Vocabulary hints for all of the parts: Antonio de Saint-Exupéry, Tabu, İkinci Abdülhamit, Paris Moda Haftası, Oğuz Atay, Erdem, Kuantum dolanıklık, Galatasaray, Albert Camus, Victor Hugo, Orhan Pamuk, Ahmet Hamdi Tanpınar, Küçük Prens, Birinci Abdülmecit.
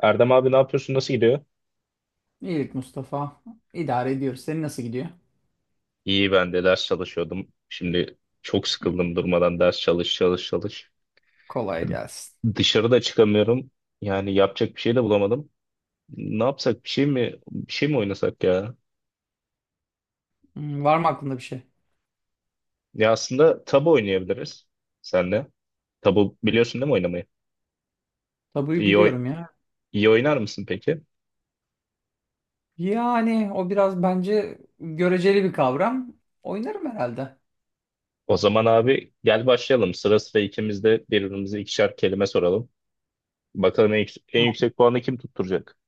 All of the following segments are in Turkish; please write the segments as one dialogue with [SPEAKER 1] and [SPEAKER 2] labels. [SPEAKER 1] Erdem abi ne yapıyorsun? Nasıl gidiyor?
[SPEAKER 2] İyilik, Mustafa. İdare ediyoruz. Senin nasıl gidiyor?
[SPEAKER 1] İyi, ben de ders çalışıyordum. Şimdi çok
[SPEAKER 2] Hmm.
[SPEAKER 1] sıkıldım durmadan ders çalış çalış çalış.
[SPEAKER 2] Kolay gelsin.
[SPEAKER 1] Dışarıda çıkamıyorum. Yani yapacak bir şey de bulamadım. Ne yapsak? Bir şey mi bir şey mi oynasak ya?
[SPEAKER 2] Hmm. Var mı aklında bir şey?
[SPEAKER 1] Ya aslında tabu oynayabiliriz senle. Tabu biliyorsun değil mi oynamayı?
[SPEAKER 2] Tabuyu
[SPEAKER 1] İyi oy
[SPEAKER 2] biliyorum ya.
[SPEAKER 1] iyi oynar mısın peki?
[SPEAKER 2] Yani o biraz bence göreceli bir kavram. Oynarım herhalde.
[SPEAKER 1] O zaman abi gel başlayalım. Sıra sıra ikimiz de birbirimize ikişer kelime soralım. Bakalım en
[SPEAKER 2] Tamam.
[SPEAKER 1] yüksek puanı kim tutturacak?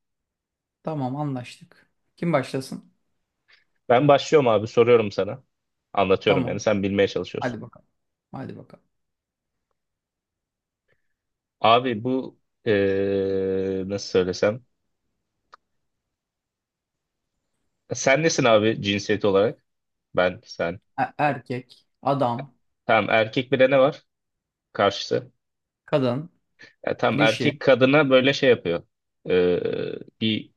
[SPEAKER 2] Tamam, anlaştık. Kim başlasın?
[SPEAKER 1] Ben başlıyorum abi, soruyorum sana. Anlatıyorum, yani
[SPEAKER 2] Tamam.
[SPEAKER 1] sen bilmeye çalışıyorsun.
[SPEAKER 2] Hadi bakalım. Hadi bakalım.
[SPEAKER 1] Abi bu nasıl söylesem. Sen nesin abi, cinsiyet olarak? Ben sen.
[SPEAKER 2] Erkek, adam,
[SPEAKER 1] Tam erkek, bir de ne var karşısı?
[SPEAKER 2] kadın,
[SPEAKER 1] Ya, tam
[SPEAKER 2] dişi,
[SPEAKER 1] erkek kadına böyle şey yapıyor. Bir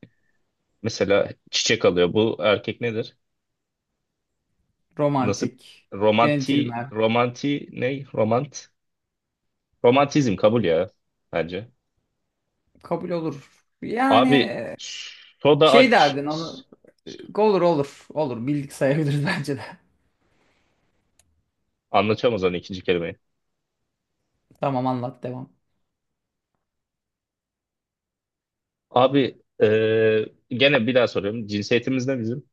[SPEAKER 1] mesela çiçek alıyor. Bu erkek nedir? Nasıl?
[SPEAKER 2] romantik,
[SPEAKER 1] Romanti,
[SPEAKER 2] centilmen.
[SPEAKER 1] romanti ne? Romant. Romantizm kabul ya, bence.
[SPEAKER 2] Kabul olur. Yani
[SPEAKER 1] Abi soda
[SPEAKER 2] şey
[SPEAKER 1] aç.
[SPEAKER 2] derdin onu. Olur olur. Olur. Bildik sayabiliriz bence de.
[SPEAKER 1] Anlatamaz onu ikinci kelimeyi.
[SPEAKER 2] Tamam, anlat, devam.
[SPEAKER 1] Abi, gene bir daha soruyorum. Cinsiyetimiz ne bizim?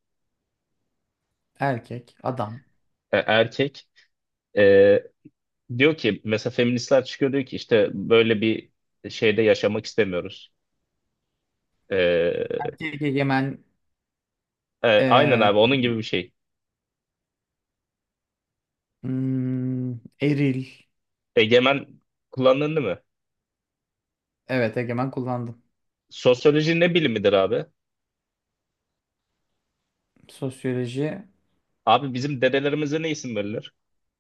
[SPEAKER 2] Erkek, adam.
[SPEAKER 1] Erkek. E, Diyor ki mesela feministler çıkıyor, diyor ki işte böyle bir şeyde yaşamak istemiyoruz. E,
[SPEAKER 2] Erkek egemen,
[SPEAKER 1] aynen
[SPEAKER 2] eee,
[SPEAKER 1] abi, onun gibi bir şey.
[SPEAKER 2] hmm, eril.
[SPEAKER 1] Egemen kullanıldı mı?
[SPEAKER 2] Evet, egemen kullandım.
[SPEAKER 1] Sosyoloji ne bilimidir abi?
[SPEAKER 2] Sosyoloji.
[SPEAKER 1] Abi bizim dedelerimize ne isim verilir?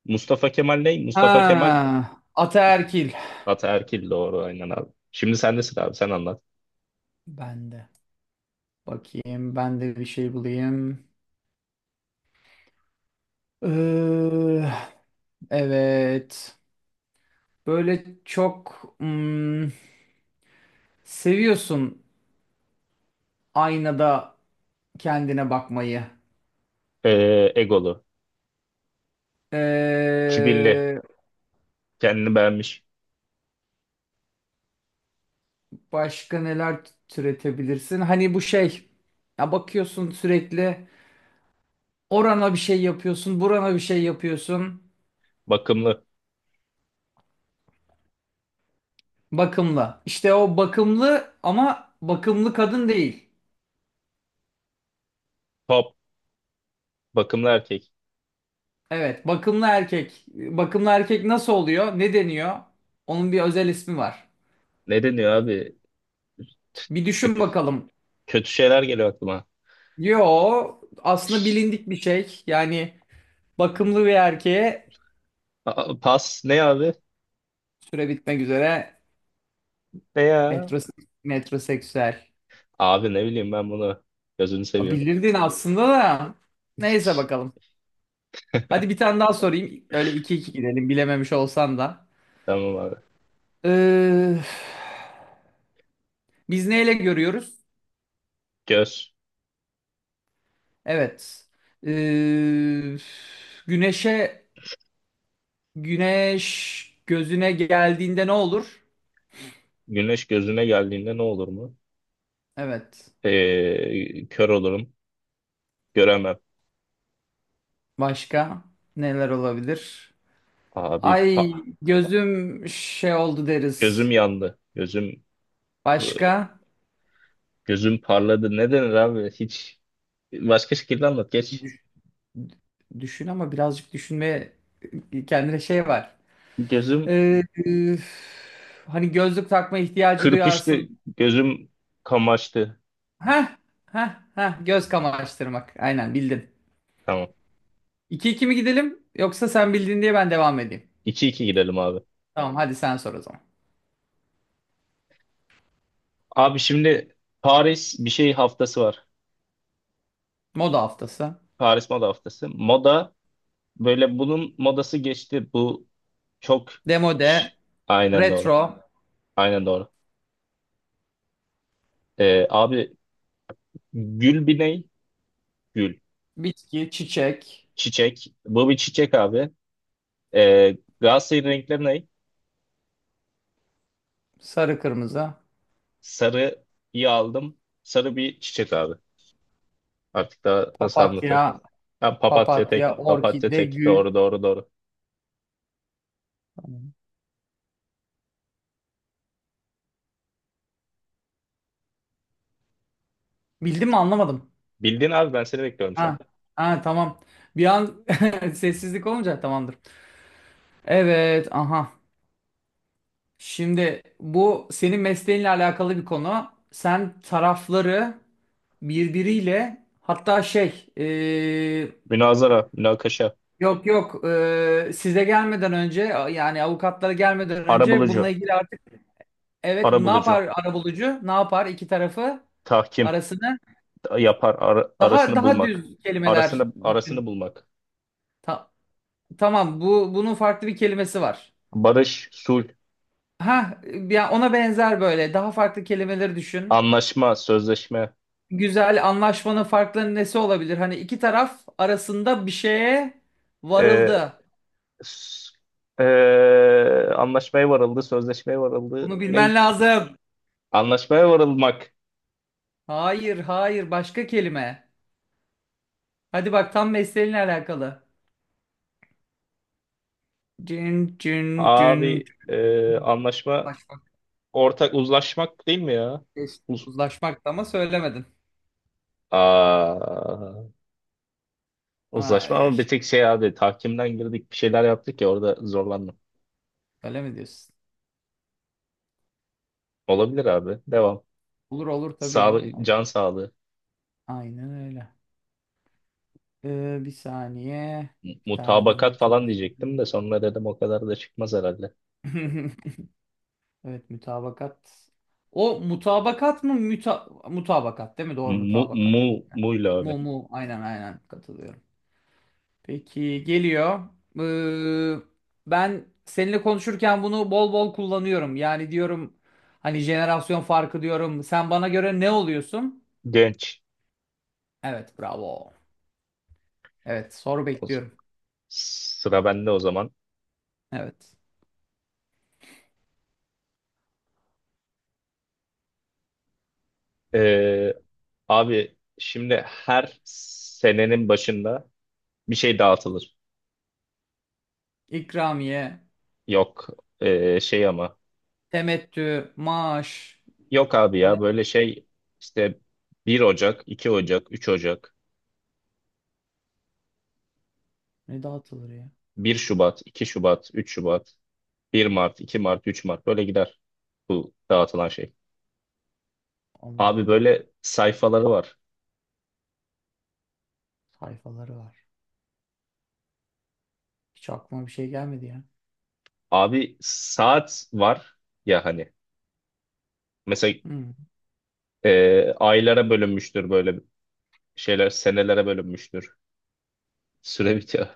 [SPEAKER 1] Mustafa Kemal ne? Mustafa Kemal
[SPEAKER 2] Ha, ataerkil.
[SPEAKER 1] ataerkil, doğru aynen abi. Şimdi sen nesin abi, sen anlat.
[SPEAKER 2] Ben de. Bakayım ben de bir şey bulayım. Eee, evet. Böyle çok hmm, seviyorsun aynada kendine bakmayı.
[SPEAKER 1] Egolu, kibirli,
[SPEAKER 2] Ee,
[SPEAKER 1] kendini beğenmiş,
[SPEAKER 2] Başka neler türetebilirsin? Hani bu şey, ya bakıyorsun sürekli orana bir şey yapıyorsun, burana bir şey yapıyorsun.
[SPEAKER 1] bakımlı,
[SPEAKER 2] Bakımlı. İşte o bakımlı ama bakımlı kadın değil.
[SPEAKER 1] top, bakımlı erkek.
[SPEAKER 2] Evet, bakımlı erkek. Bakımlı erkek nasıl oluyor? Ne deniyor? Onun bir özel ismi var.
[SPEAKER 1] Ne deniyor abi?
[SPEAKER 2] Bir düşün
[SPEAKER 1] Kö-
[SPEAKER 2] bakalım.
[SPEAKER 1] Kötü şeyler geliyor aklıma.
[SPEAKER 2] Yo, aslında
[SPEAKER 1] Şş,
[SPEAKER 2] bilindik bir şey. Yani bakımlı bir erkeğe
[SPEAKER 1] Pas ne abi?
[SPEAKER 2] süre bitmek üzere
[SPEAKER 1] Ne ya?
[SPEAKER 2] metroseksüel.
[SPEAKER 1] Abi ne bileyim ben bunu. Gözünü
[SPEAKER 2] Ha,
[SPEAKER 1] seveyim.
[SPEAKER 2] bilirdin aslında da. Neyse bakalım. Hadi bir tane daha sorayım. Öyle iki iki gidelim bilememiş olsan da.
[SPEAKER 1] Tamam abi.
[SPEAKER 2] Ee, biz neyle görüyoruz?
[SPEAKER 1] Göz.
[SPEAKER 2] Evet. Ee, güneşe güneş gözüne geldiğinde ne olur?
[SPEAKER 1] Güneş gözüne geldiğinde ne olur mu?
[SPEAKER 2] Evet.
[SPEAKER 1] Kör olurum. Göremem.
[SPEAKER 2] Başka neler olabilir?
[SPEAKER 1] Abi,
[SPEAKER 2] Ay, gözüm şey oldu, deriz.
[SPEAKER 1] gözüm yandı. I-
[SPEAKER 2] Başka?
[SPEAKER 1] gözüm parladı. Ne denir abi? Hiç başka şekilde anlat. Geç.
[SPEAKER 2] Düş- düşün, ama birazcık düşünmeye kendine şey var.
[SPEAKER 1] Gözüm
[SPEAKER 2] Üf, hani gözlük takma ihtiyacı
[SPEAKER 1] kırpıştı.
[SPEAKER 2] duyarsın.
[SPEAKER 1] Gözüm kamaştı.
[SPEAKER 2] Heh, heh, heh, göz kamaştırmak. Aynen bildin.
[SPEAKER 1] Tamam.
[SPEAKER 2] 2 iki mi gidelim, yoksa sen bildin diye ben devam edeyim?
[SPEAKER 1] 2 iki gidelim abi.
[SPEAKER 2] Tamam, hadi sen sor o zaman.
[SPEAKER 1] Abi şimdi Paris bir şey haftası var.
[SPEAKER 2] Moda haftası.
[SPEAKER 1] Paris Moda Haftası. Moda, böyle bunun modası geçti. Çok
[SPEAKER 2] Demode,
[SPEAKER 1] Şş, aynen doğru.
[SPEAKER 2] retro,
[SPEAKER 1] Aynen doğru. Abi, gül bir ney? Gül.
[SPEAKER 2] bitki, çiçek,
[SPEAKER 1] Çiçek. Bu bir çiçek abi. Galatasaray'ın renkleri ney?
[SPEAKER 2] sarı kırmızı,
[SPEAKER 1] Sarıyı aldım. Sarı bir çiçek abi. Artık daha nasıl
[SPEAKER 2] papatya,
[SPEAKER 1] anlatırım? Ha, papatya
[SPEAKER 2] papatya,
[SPEAKER 1] tek. Papatya
[SPEAKER 2] orkide,
[SPEAKER 1] tek.
[SPEAKER 2] gül.
[SPEAKER 1] Doğru doğru doğru.
[SPEAKER 2] Bildim mi anlamadım.
[SPEAKER 1] Bildin abi, ben seni bekliyorum şu an.
[SPEAKER 2] Ha, ha tamam. Bir an sessizlik olunca tamamdır. Evet, aha. Şimdi bu senin mesleğinle alakalı bir konu. Sen tarafları birbiriyle, hatta şey,
[SPEAKER 1] Münazara, münakaşa,
[SPEAKER 2] yok yok, size gelmeden önce, yani avukatlara gelmeden önce bununla
[SPEAKER 1] arabulucu.
[SPEAKER 2] ilgili artık, evet, bu ne
[SPEAKER 1] Arabulucu.
[SPEAKER 2] yapar arabulucu? Ne yapar iki tarafı,
[SPEAKER 1] Tahkim
[SPEAKER 2] arasını?
[SPEAKER 1] yapar,
[SPEAKER 2] Daha
[SPEAKER 1] arasını
[SPEAKER 2] daha
[SPEAKER 1] bulmak.
[SPEAKER 2] düz kelimeler
[SPEAKER 1] Arasını arasını
[SPEAKER 2] düşün.
[SPEAKER 1] bulmak.
[SPEAKER 2] Ta- tamam, bu bunun farklı bir kelimesi var.
[SPEAKER 1] Barış, sulh,
[SPEAKER 2] Ha, ya ona benzer böyle daha farklı kelimeleri düşün.
[SPEAKER 1] anlaşma, sözleşme.
[SPEAKER 2] Güzel, anlaşmanın farklarının nesi olabilir? Hani iki taraf arasında bir şeye
[SPEAKER 1] Ee,
[SPEAKER 2] varıldı.
[SPEAKER 1] s- ee, Anlaşmaya varıldı, sözleşmeye varıldı.
[SPEAKER 2] Bunu bilmen
[SPEAKER 1] Ney?
[SPEAKER 2] lazım.
[SPEAKER 1] Anlaşmaya varılmak.
[SPEAKER 2] Hayır, hayır, başka kelime. Hadi bak, tam mesleğinle alakalı. Cin, cin, cin, cin.
[SPEAKER 1] Abi anlaşma,
[SPEAKER 2] Uzlaşmak,
[SPEAKER 1] ortak uzlaşmak değil mi ya?
[SPEAKER 2] geçti.
[SPEAKER 1] Uz
[SPEAKER 2] Uzlaşmak da, ama söylemedin.
[SPEAKER 1] Aa, uzlaşma
[SPEAKER 2] Ay,
[SPEAKER 1] ama bir tek şey abi, tahkimden girdik bir şeyler yaptık ya, orada zorlandım.
[SPEAKER 2] öyle mi diyorsun?
[SPEAKER 1] Olabilir abi. Devam.
[SPEAKER 2] Olur olur, tabii ya.
[SPEAKER 1] Sağlık,
[SPEAKER 2] Olur.
[SPEAKER 1] can sağlığı.
[SPEAKER 2] Aynen öyle. Bir saniye. Bir tane bulmaya
[SPEAKER 1] Mutabakat falan
[SPEAKER 2] çalışıyorum.
[SPEAKER 1] diyecektim de sonra dedim o kadar da çıkmaz herhalde.
[SPEAKER 2] Evet, mütabakat. O mutabakat mı? Müta mutabakat, değil mi? Doğru,
[SPEAKER 1] Mu,
[SPEAKER 2] mutabakat.
[SPEAKER 1] mu, muyla abi.
[SPEAKER 2] Mu mu, aynen aynen katılıyorum. Peki, geliyor. Ee, ben seninle konuşurken bunu bol bol kullanıyorum. Yani diyorum hani jenerasyon farkı diyorum. Sen bana göre ne oluyorsun?
[SPEAKER 1] Genç.
[SPEAKER 2] Evet, bravo. Evet, soru
[SPEAKER 1] O z-
[SPEAKER 2] bekliyorum.
[SPEAKER 1] Sıra bende o zaman.
[SPEAKER 2] Evet.
[SPEAKER 1] Ee, Abi şimdi her senenin başında bir şey dağıtılır.
[SPEAKER 2] İkramiye,
[SPEAKER 1] Yok, şey ama.
[SPEAKER 2] temettü, maaş,
[SPEAKER 1] Yok abi
[SPEAKER 2] ne?
[SPEAKER 1] ya, böyle şey işte 1 Ocak, 2 Ocak, 3 Ocak,
[SPEAKER 2] Ne dağıtılır ya?
[SPEAKER 1] 1 Şubat, 2 Şubat, 3 Şubat, 1 Mart, 2 Mart, 3 Mart böyle gider bu dağıtılan şey.
[SPEAKER 2] Allah
[SPEAKER 1] Abi
[SPEAKER 2] Allah.
[SPEAKER 1] böyle sayfaları var.
[SPEAKER 2] Sayfaları var. Hiç aklıma bir şey gelmedi ya.
[SPEAKER 1] Abi saat var ya, hani mesela
[SPEAKER 2] Hmm.
[SPEAKER 1] aylara bölünmüştür, böyle şeyler senelere bölünmüştür. Süre bitiyor.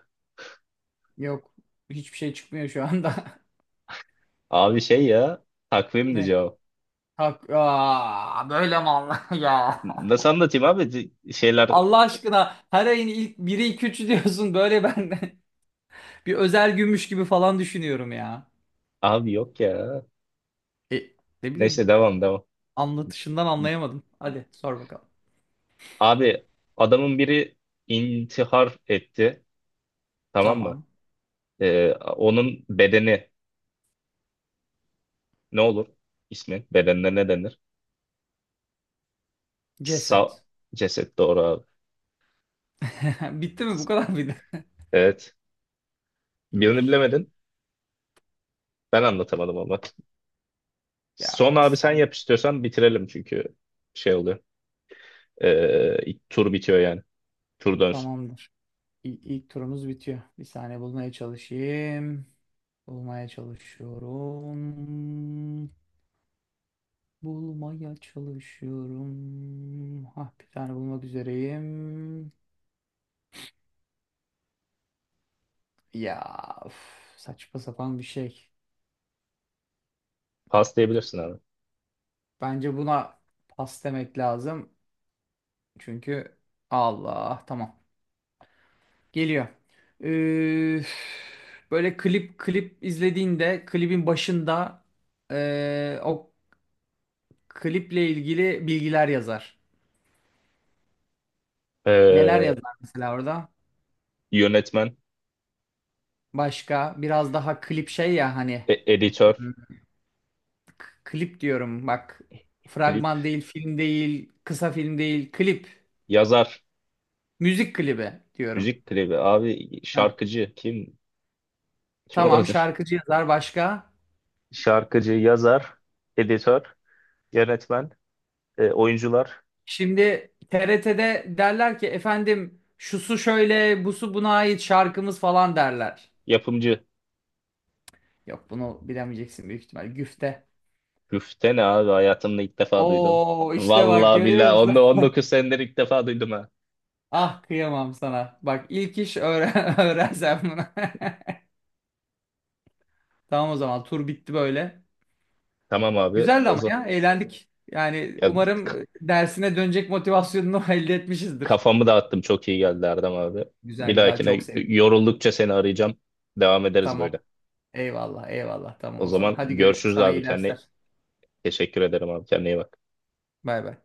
[SPEAKER 2] Yok. Hiçbir şey çıkmıyor şu anda.
[SPEAKER 1] Abi şey ya, takvimdi
[SPEAKER 2] Ne?
[SPEAKER 1] cevap.
[SPEAKER 2] Hak. Aa, böyle mi Allah ya?
[SPEAKER 1] Nasıl anlatayım abi? Şeyler
[SPEAKER 2] Allah aşkına, her ayın ilk biri iki üçü diyorsun, böyle ben de bir özel gümüş gibi falan düşünüyorum ya.
[SPEAKER 1] abi, yok ya.
[SPEAKER 2] E, ne bileyim,
[SPEAKER 1] Neyse, devam devam.
[SPEAKER 2] anlatışından anlayamadım. Hadi sor bakalım.
[SPEAKER 1] Abi adamın biri intihar etti, tamam mı?
[SPEAKER 2] Tamam.
[SPEAKER 1] Onun bedeni ne olur? İsmi bedenine ne denir? Sa
[SPEAKER 2] Ceset.
[SPEAKER 1] ceset doğru abi.
[SPEAKER 2] Bitti mi, bu kadar mıydı?
[SPEAKER 1] Evet. Birini
[SPEAKER 2] İyiymiş.
[SPEAKER 1] bilemedin. Ben anlatamadım ama.
[SPEAKER 2] Ya
[SPEAKER 1] Son abi,
[SPEAKER 2] sağ
[SPEAKER 1] sen
[SPEAKER 2] ol.
[SPEAKER 1] yap istiyorsan bitirelim çünkü şey oluyor. İlk tur bitiyor yani. Tur dönsün.
[SPEAKER 2] Tamamdır. İlk turumuz bitiyor. Bir saniye bulmaya çalışayım. Bulmaya çalışıyorum. Bulmaya çalışıyorum. Ah, bir tane bulmak üzereyim. Ya üf, saçma sapan bir şey.
[SPEAKER 1] Pas diyebilirsin abi.
[SPEAKER 2] Bence buna pas demek lazım. Çünkü Allah, tamam. Geliyor. Üf, böyle klip klip izlediğinde klibin başında o kliple ilgili bilgiler yazar. Neler
[SPEAKER 1] Ee,
[SPEAKER 2] yazar mesela orada?
[SPEAKER 1] Yönetmen,
[SPEAKER 2] Başka, biraz daha klip şey ya, hani
[SPEAKER 1] editör,
[SPEAKER 2] hmm, klip diyorum bak,
[SPEAKER 1] klip,
[SPEAKER 2] fragman değil, film değil, kısa film değil, klip,
[SPEAKER 1] yazar,
[SPEAKER 2] müzik klibi diyorum.
[SPEAKER 1] müzik klibi. Abi
[SPEAKER 2] Heh,
[SPEAKER 1] şarkıcı kim? Kim
[SPEAKER 2] tamam,
[SPEAKER 1] olabilir?
[SPEAKER 2] şarkıcı yazar, başka.
[SPEAKER 1] Şarkıcı, yazar, editör, yönetmen, oyuncular,
[SPEAKER 2] Şimdi TRT'de derler ki, efendim, şusu şöyle, busu buna ait şarkımız falan derler.
[SPEAKER 1] yapımcı.
[SPEAKER 2] Yok, bunu bilemeyeceksin büyük ihtimal: güfte.
[SPEAKER 1] Güfte ne abi? Hayatımda ilk defa duydum.
[SPEAKER 2] Oo, işte bak,
[SPEAKER 1] Vallahi
[SPEAKER 2] görüyor
[SPEAKER 1] billahi
[SPEAKER 2] musun?
[SPEAKER 1] 19 senedir ilk defa duydum ha.
[SPEAKER 2] Ah, kıyamam sana. Bak, ilk iş öğren öğrensem bunu. Tamam o zaman, tur bitti böyle.
[SPEAKER 1] Tamam abi
[SPEAKER 2] Güzeldi
[SPEAKER 1] o
[SPEAKER 2] ama
[SPEAKER 1] zaman.
[SPEAKER 2] ya, eğlendik. Yani
[SPEAKER 1] Ya,
[SPEAKER 2] umarım dersine dönecek motivasyonunu elde etmişizdir.
[SPEAKER 1] kafamı dağıttım. Çok iyi geldi Erdem abi.
[SPEAKER 2] Güzel
[SPEAKER 1] Bir
[SPEAKER 2] güzel, çok
[SPEAKER 1] dahakine
[SPEAKER 2] sevindim.
[SPEAKER 1] yoruldukça seni arayacağım. Devam ederiz
[SPEAKER 2] Tamam.
[SPEAKER 1] böyle.
[SPEAKER 2] Eyvallah eyvallah,
[SPEAKER 1] O
[SPEAKER 2] tamam o zaman.
[SPEAKER 1] zaman
[SPEAKER 2] Hadi görüşürüz,
[SPEAKER 1] görüşürüz
[SPEAKER 2] sana
[SPEAKER 1] abi.
[SPEAKER 2] iyi
[SPEAKER 1] Kendine
[SPEAKER 2] dersler.
[SPEAKER 1] teşekkür ederim abi. Kendine iyi bak.
[SPEAKER 2] Bay bay.